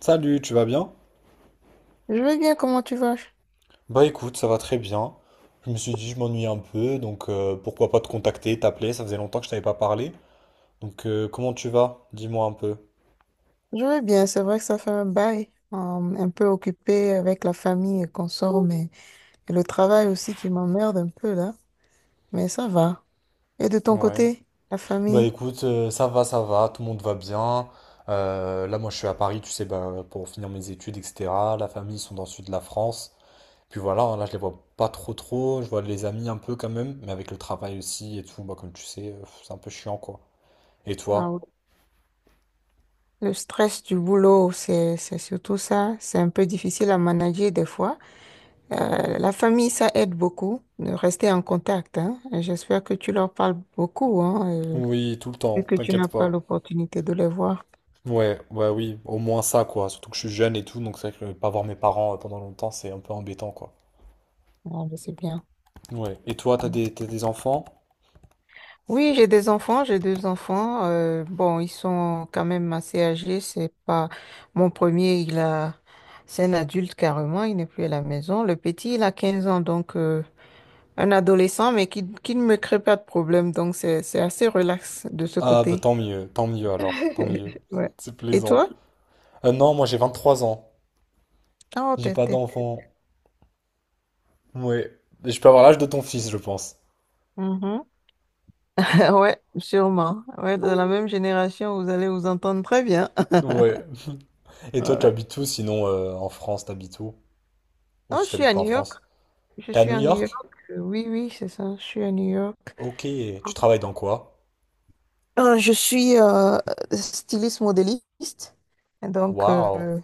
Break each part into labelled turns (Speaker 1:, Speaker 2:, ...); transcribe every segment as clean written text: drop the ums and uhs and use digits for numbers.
Speaker 1: Salut, tu vas bien?
Speaker 2: Je vais bien, comment tu vas?
Speaker 1: Bah écoute, ça va très bien. Je me suis dit, je m'ennuie un peu, donc pourquoi pas te contacter, t'appeler, ça faisait longtemps que je t'avais pas parlé. Donc, comment tu vas? Dis-moi un peu.
Speaker 2: Je vais bien, c'est vrai que ça fait un bail, un peu occupé avec la famille et qu'on sort, mais et le travail aussi qui m'emmerde un peu là, mais ça va. Et de ton
Speaker 1: Ouais.
Speaker 2: côté, la
Speaker 1: Bah
Speaker 2: famille,
Speaker 1: écoute, ça va, tout le monde va bien. Là, moi, je suis à Paris, tu sais, bah, pour finir mes études, etc. La famille, ils sont dans le sud de la France. Puis voilà, hein, là, je les vois pas trop trop. Je vois les amis un peu quand même, mais avec le travail aussi et tout, bah comme tu sais, c'est un peu chiant, quoi. Et
Speaker 2: Ah oui.
Speaker 1: toi?
Speaker 2: Le stress du boulot, c'est surtout ça, c'est un peu difficile à manager des fois. La famille, ça aide beaucoup de rester en contact, hein. Et j'espère que tu leur parles beaucoup, hein, euh,
Speaker 1: Oui, tout le
Speaker 2: vu
Speaker 1: temps,
Speaker 2: que tu n'as
Speaker 1: t'inquiète
Speaker 2: pas
Speaker 1: pas.
Speaker 2: l'opportunité de les voir.
Speaker 1: Ouais, ouais, oui, au moins ça, quoi. Surtout que je suis jeune et tout, donc c'est vrai que pas voir mes parents pendant longtemps, c'est un peu embêtant, quoi.
Speaker 2: Ah, je sais bien.
Speaker 1: Ouais. Et toi, t'as des enfants?
Speaker 2: Oui, j'ai des enfants, j'ai deux enfants. Bon, ils sont quand même assez âgés. C'est pas mon premier, il a, c'est un adulte carrément, il n'est plus à la maison. Le petit, il a 15 ans, donc un adolescent, mais qui ne me crée pas de problème. Donc c'est assez relax de ce
Speaker 1: Ah, bah
Speaker 2: côté.
Speaker 1: tant mieux alors, tant mieux.
Speaker 2: Ouais.
Speaker 1: C'est
Speaker 2: Et
Speaker 1: plaisant.
Speaker 2: toi?
Speaker 1: Non, moi j'ai 23 ans.
Speaker 2: Oh,
Speaker 1: J'ai pas d'enfant. Ouais. Et je peux avoir l'âge de ton fils, je pense.
Speaker 2: Mhm. Ouais, sûrement. Ouais, de la même génération, vous allez vous entendre très bien.
Speaker 1: Ouais. Et toi, tu
Speaker 2: Ouais.
Speaker 1: habites où sinon en France, t'habites où? Ou
Speaker 2: Non,
Speaker 1: si
Speaker 2: je suis
Speaker 1: t'habites
Speaker 2: à
Speaker 1: pas en
Speaker 2: New York.
Speaker 1: France?
Speaker 2: Je
Speaker 1: T'es à
Speaker 2: suis
Speaker 1: New
Speaker 2: à New York.
Speaker 1: York?
Speaker 2: Oui, oui, c'est ça. Je suis à New York.
Speaker 1: Ok. Tu travailles dans quoi?
Speaker 2: Je suis styliste modéliste. Et donc,
Speaker 1: Waouh.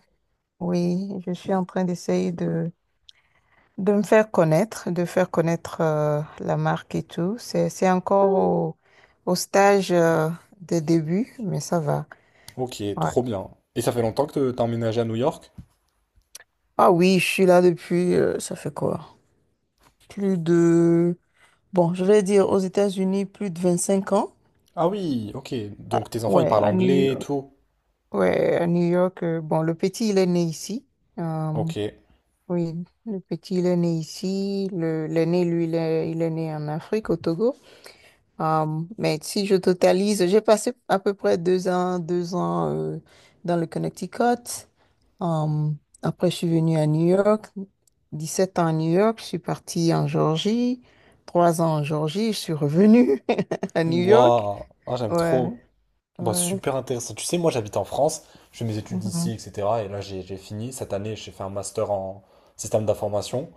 Speaker 2: oui, je suis en train d'essayer de me faire connaître, de faire connaître la marque et tout. C'est encore au, au stage de début, mais ça va.
Speaker 1: Ok,
Speaker 2: Ouais.
Speaker 1: trop bien. Et ça fait longtemps que t'as emménagé à New York?
Speaker 2: Ah oui, je suis là depuis, ça fait quoi? Plus de, bon, je vais dire aux États-Unis, plus de 25 ans.
Speaker 1: Ah oui, ok. Donc tes enfants, ils
Speaker 2: Ouais,
Speaker 1: parlent
Speaker 2: à New
Speaker 1: anglais et
Speaker 2: York.
Speaker 1: tout.
Speaker 2: Ouais, à New York. Bon, le petit, il est né ici. Euh,
Speaker 1: Ok.
Speaker 2: Oui, le petit, il est né ici. Le, l'aîné, lui, il est né en Afrique, au Togo. Mais si je totalise, j'ai passé à peu près 2 ans, 2 ans dans le Connecticut. Euh, Après, je suis venue à New York. 17 ans à New York. Je suis partie en Géorgie. 3 ans en Géorgie. Je suis revenue à New York.
Speaker 1: Waouh. Ah, j'aime
Speaker 2: Ouais,
Speaker 1: trop. Bah,
Speaker 2: ouais.
Speaker 1: super intéressant. Tu sais, moi j'habite en France, je fais mes études ici,
Speaker 2: Mhm,
Speaker 1: etc. Et là j'ai fini. Cette année, j'ai fait un master en système d'information.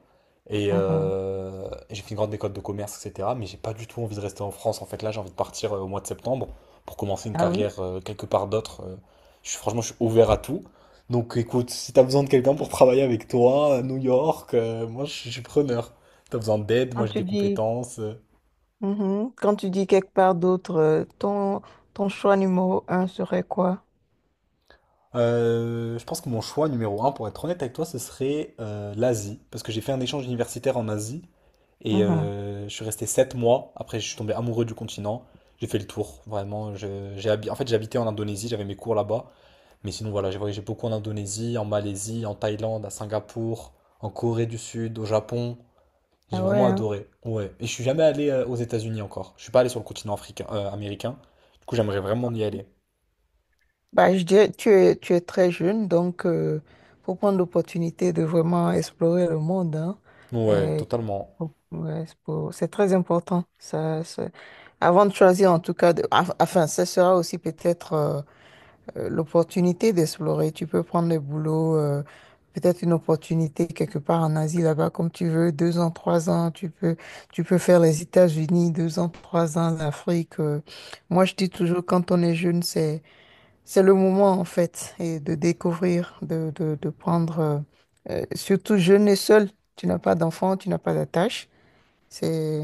Speaker 1: Et,
Speaker 2: mhm.
Speaker 1: euh, et j'ai fait une grande école de commerce, etc. Mais j'ai pas du tout envie de rester en France. En fait, là j'ai envie de partir au mois de septembre pour commencer une
Speaker 2: Ah oui?
Speaker 1: carrière quelque part d'autre. Je suis, franchement, je suis ouvert à tout. Donc écoute, si t'as besoin de quelqu'un pour travailler avec toi à New York, moi je suis preneur. Si t'as besoin d'aide, moi
Speaker 2: Quand
Speaker 1: j'ai
Speaker 2: tu
Speaker 1: des
Speaker 2: dis
Speaker 1: compétences.
Speaker 2: Mhm. Quand tu dis quelque part d'autre, ton, ton choix numéro un serait quoi?
Speaker 1: Je pense que mon choix numéro un, pour être honnête avec toi, ce serait l'Asie, parce que j'ai fait un échange universitaire en Asie et
Speaker 2: Mhm.
Speaker 1: je suis resté 7 mois. Après, je suis tombé amoureux du continent. J'ai fait le tour, vraiment. En fait, j'habitais en Indonésie, j'avais mes cours là-bas. Mais sinon, voilà, j'ai voyagé beaucoup en Indonésie, en Malaisie, en Thaïlande, à Singapour, en Corée du Sud, au Japon. J'ai
Speaker 2: Ah ouais,
Speaker 1: vraiment
Speaker 2: hein.
Speaker 1: adoré. Ouais. Et je suis jamais allé aux États-Unis encore. Je suis pas allé sur le continent africain, américain. Du coup, j'aimerais vraiment y aller.
Speaker 2: Bah, je dirais, tu es très jeune, donc faut prendre l'opportunité de vraiment explorer le monde, hein.
Speaker 1: Ouais,
Speaker 2: Euh,
Speaker 1: totalement.
Speaker 2: ouais, c'est très important. Avant de choisir, en tout cas, enfin, ça sera aussi peut-être l'opportunité d'explorer. Tu peux prendre le boulot, peut-être une opportunité quelque part en Asie là-bas comme tu veux, 2 ans, 3 ans. Tu peux faire les États-Unis, 2 ans, 3 ans, l'Afrique. Moi, je dis toujours, quand on est jeune, c'est le moment en fait et de découvrir, de prendre, surtout jeune et seul. Tu n'as pas d'enfant, tu n'as pas d'attache. C'est,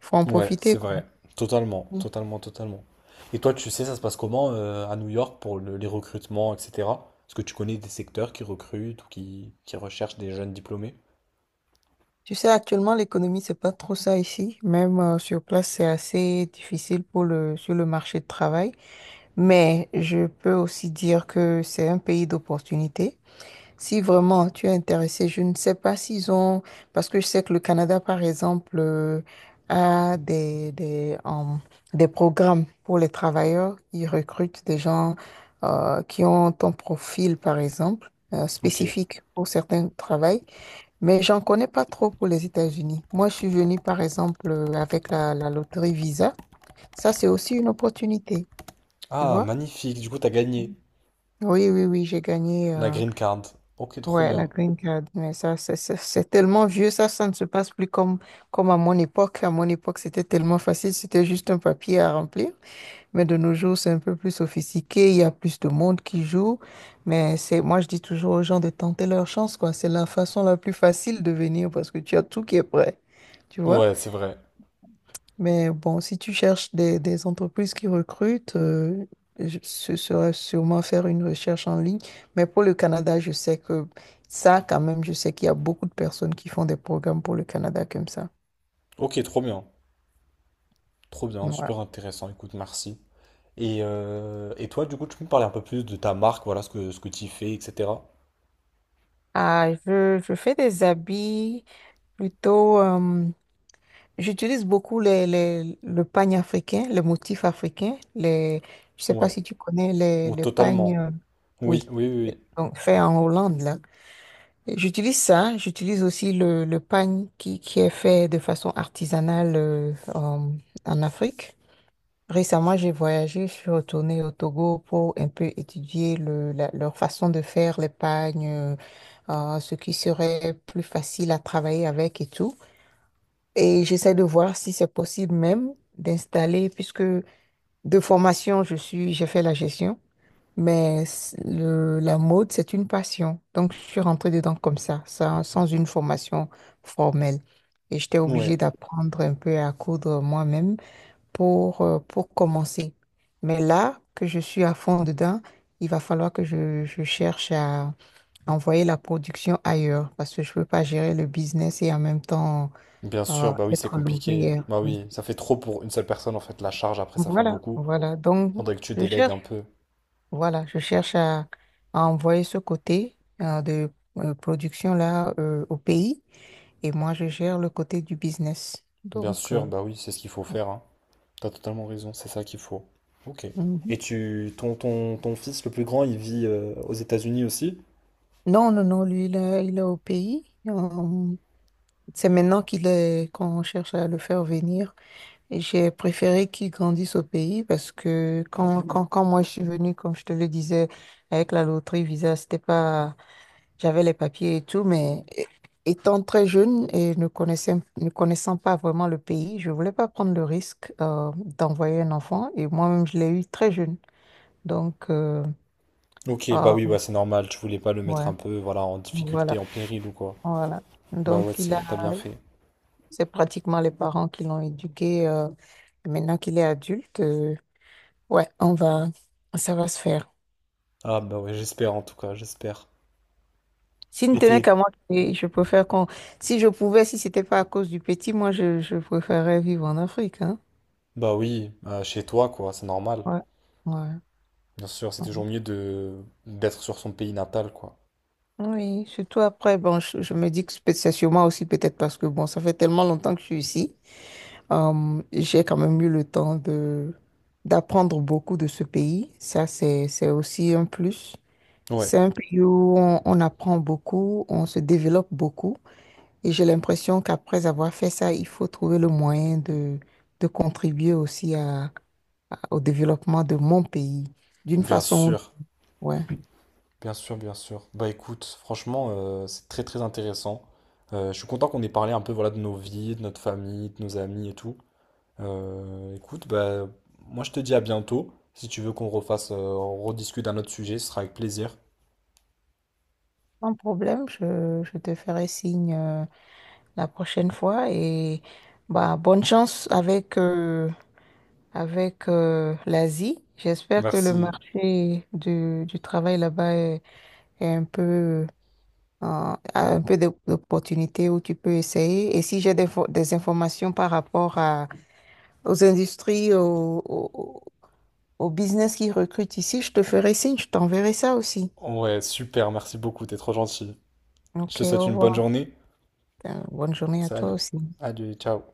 Speaker 2: faut en
Speaker 1: Ouais,
Speaker 2: profiter,
Speaker 1: c'est
Speaker 2: quoi.
Speaker 1: vrai. Totalement, totalement, totalement. Et toi, tu sais, ça se passe comment à New York pour les recrutements, etc. Est-ce que tu connais des secteurs qui recrutent ou qui recherchent des jeunes diplômés?
Speaker 2: Tu sais, actuellement, l'économie, c'est pas trop ça ici. Même sur place, c'est assez difficile pour le, sur le marché de travail. Mais je peux aussi dire que c'est un pays d'opportunités. Si vraiment tu es intéressé, je ne sais pas s'ils ont, parce que je sais que le Canada, par exemple, a des programmes pour les travailleurs. Ils recrutent des gens qui ont ton profil, par exemple,
Speaker 1: Ok.
Speaker 2: spécifique pour certains travaux. Mais j'en connais pas trop pour les États-Unis. Moi, je suis venue, par exemple, avec la, la loterie Visa. Ça, c'est aussi une opportunité, tu
Speaker 1: Ah,
Speaker 2: vois?
Speaker 1: magnifique. Du coup, t'as gagné
Speaker 2: Oui, oui, oui, j'ai gagné
Speaker 1: la green card. Ok, trop
Speaker 2: ouais, la
Speaker 1: bien.
Speaker 2: green card. Mais ça, c'est tellement vieux, ça ne se passe plus comme, comme à mon époque. À mon époque, c'était tellement facile, c'était juste un papier à remplir. Mais de nos jours, c'est un peu plus sophistiqué, il y a plus de monde qui joue. Mais c'est, moi, je dis toujours aux gens de tenter leur chance, quoi. C'est la façon la plus facile de venir parce que tu as tout qui est prêt, tu vois?
Speaker 1: Ouais, c'est vrai.
Speaker 2: Mais bon, si tu cherches des entreprises qui recrutent, ce serait sûrement faire une recherche en ligne. Mais pour le Canada, je sais que ça, quand même, je sais qu'il y a beaucoup de personnes qui font des programmes pour le Canada comme ça.
Speaker 1: Ok, trop bien. Trop bien,
Speaker 2: Ouais.
Speaker 1: super intéressant. Écoute, merci. Et toi, du coup, tu peux me parler un peu plus de ta marque, voilà, ce que tu fais, etc.
Speaker 2: Ah, je fais des habits plutôt. J'utilise beaucoup les, le pagne africain, les motifs africains. Les, je sais pas
Speaker 1: Ouais.
Speaker 2: si tu connais
Speaker 1: Ou
Speaker 2: les pagnes.
Speaker 1: totalement. Oui,
Speaker 2: Oui,
Speaker 1: oui, oui,
Speaker 2: donc fait en Hollande, là. J'utilise ça, j'utilise aussi le pagne qui est fait de façon artisanale en Afrique. Récemment, j'ai voyagé, je suis retournée au Togo pour un peu étudier le, leur façon de faire les pagnes, ce qui serait plus facile à travailler avec et tout. Et j'essaie de voir si c'est possible même d'installer, puisque de formation, je suis, j'ai fait la gestion. Mais la mode, c'est une passion. Donc, je suis rentrée dedans comme ça, sans, sans une formation formelle. Et j'étais
Speaker 1: oui. Ouais.
Speaker 2: obligée d'apprendre un peu à coudre moi-même pour commencer. Mais là que je suis à fond dedans, il va falloir que je cherche à envoyer la production ailleurs parce que je ne peux pas gérer le business et en même temps
Speaker 1: Bien sûr, bah oui, c'est
Speaker 2: être
Speaker 1: compliqué.
Speaker 2: l'ouvrière.
Speaker 1: Bah
Speaker 2: Oui.
Speaker 1: oui, ça fait trop pour une seule personne, en fait, la charge, après, ça fait
Speaker 2: Voilà,
Speaker 1: beaucoup.
Speaker 2: voilà. Donc,
Speaker 1: Faudrait que tu
Speaker 2: je
Speaker 1: délègues un
Speaker 2: cherche.
Speaker 1: peu.
Speaker 2: Voilà, je cherche à envoyer ce côté de production là au pays et moi je gère le côté du business.
Speaker 1: Bien
Speaker 2: Donc
Speaker 1: sûr, bah oui, c'est ce qu'il faut faire, hein. T'as totalement raison, c'est ça qu'il faut. Ok.
Speaker 2: mhm.
Speaker 1: Et ton fils le plus grand, il vit aux États-Unis aussi?
Speaker 2: Non non non lui il est au pays. C'est maintenant qu'il est qu'on cherche à le faire venir et j'ai préféré qu'il grandisse au pays parce que quand moi je suis venue comme je te le disais avec la loterie Visa c'était pas. J'avais les papiers et tout, mais étant très jeune et ne connaissant pas vraiment le pays, je voulais pas prendre le risque d'envoyer un enfant. Et moi-même, je l'ai eu très jeune. Donc,
Speaker 1: Ok, bah
Speaker 2: ah,
Speaker 1: oui, bah c'est normal, tu voulais pas le mettre
Speaker 2: ouais,
Speaker 1: un peu, voilà, en
Speaker 2: voilà,
Speaker 1: difficulté, en péril ou quoi.
Speaker 2: voilà.
Speaker 1: Bah
Speaker 2: Donc,
Speaker 1: ouais,
Speaker 2: il a,
Speaker 1: t'as bien fait.
Speaker 2: c'est pratiquement les parents qui l'ont éduqué. Et maintenant qu'il est adulte, ouais, on va, ça va se faire.
Speaker 1: Ah bah ouais, j'espère en tout cas, j'espère.
Speaker 2: S'il ne
Speaker 1: Et
Speaker 2: tenait
Speaker 1: t'es,
Speaker 2: qu'à moi, et je préfère qu'on, si je pouvais, si c'était pas à cause du petit, moi, je préférerais vivre en Afrique, hein.
Speaker 1: bah oui, chez toi, quoi, c'est normal.
Speaker 2: Ouais, ouais.
Speaker 1: Bien sûr, c'est toujours mieux de d'être sur son pays natal, quoi.
Speaker 2: Oui, surtout après, bon, je me dis que c'est sûrement aussi peut-être parce que bon, ça fait tellement longtemps que je suis ici. J'ai quand même eu le temps de d'apprendre beaucoup de ce pays. Ça, c'est aussi un plus.
Speaker 1: Ouais,
Speaker 2: C'est un pays où on apprend beaucoup, on se développe beaucoup. Et j'ai l'impression qu'après avoir fait ça, il faut trouver le moyen de contribuer aussi à, au développement de mon pays d'une
Speaker 1: bien
Speaker 2: façon,
Speaker 1: sûr,
Speaker 2: ouais.
Speaker 1: bien sûr, bien sûr. Bah écoute, franchement, c'est très très intéressant. Je suis content qu'on ait parlé un peu voilà, de nos vies, de notre famille, de nos amis et tout. Écoute, bah moi je te dis à bientôt. Si tu veux qu'on refasse, on rediscute d'un autre sujet, ce sera avec plaisir.
Speaker 2: Sans problème, je te ferai signe. La prochaine fois. Et bah, bonne chance avec, avec l'Asie. J'espère que le
Speaker 1: Merci.
Speaker 2: marché du travail là-bas est, est un peu, a un peu d'opportunités où tu peux essayer. Et si j'ai des, des informations par rapport à, aux industries, au, au, au business qui recrutent ici, je te ferai signe, je t'enverrai ça aussi.
Speaker 1: Ouais, super, merci beaucoup, t'es trop gentil. Je te
Speaker 2: Ok, au
Speaker 1: souhaite une bonne
Speaker 2: revoir.
Speaker 1: journée.
Speaker 2: Bonne journée à toi
Speaker 1: Salut.
Speaker 2: aussi.
Speaker 1: Adieu, ciao.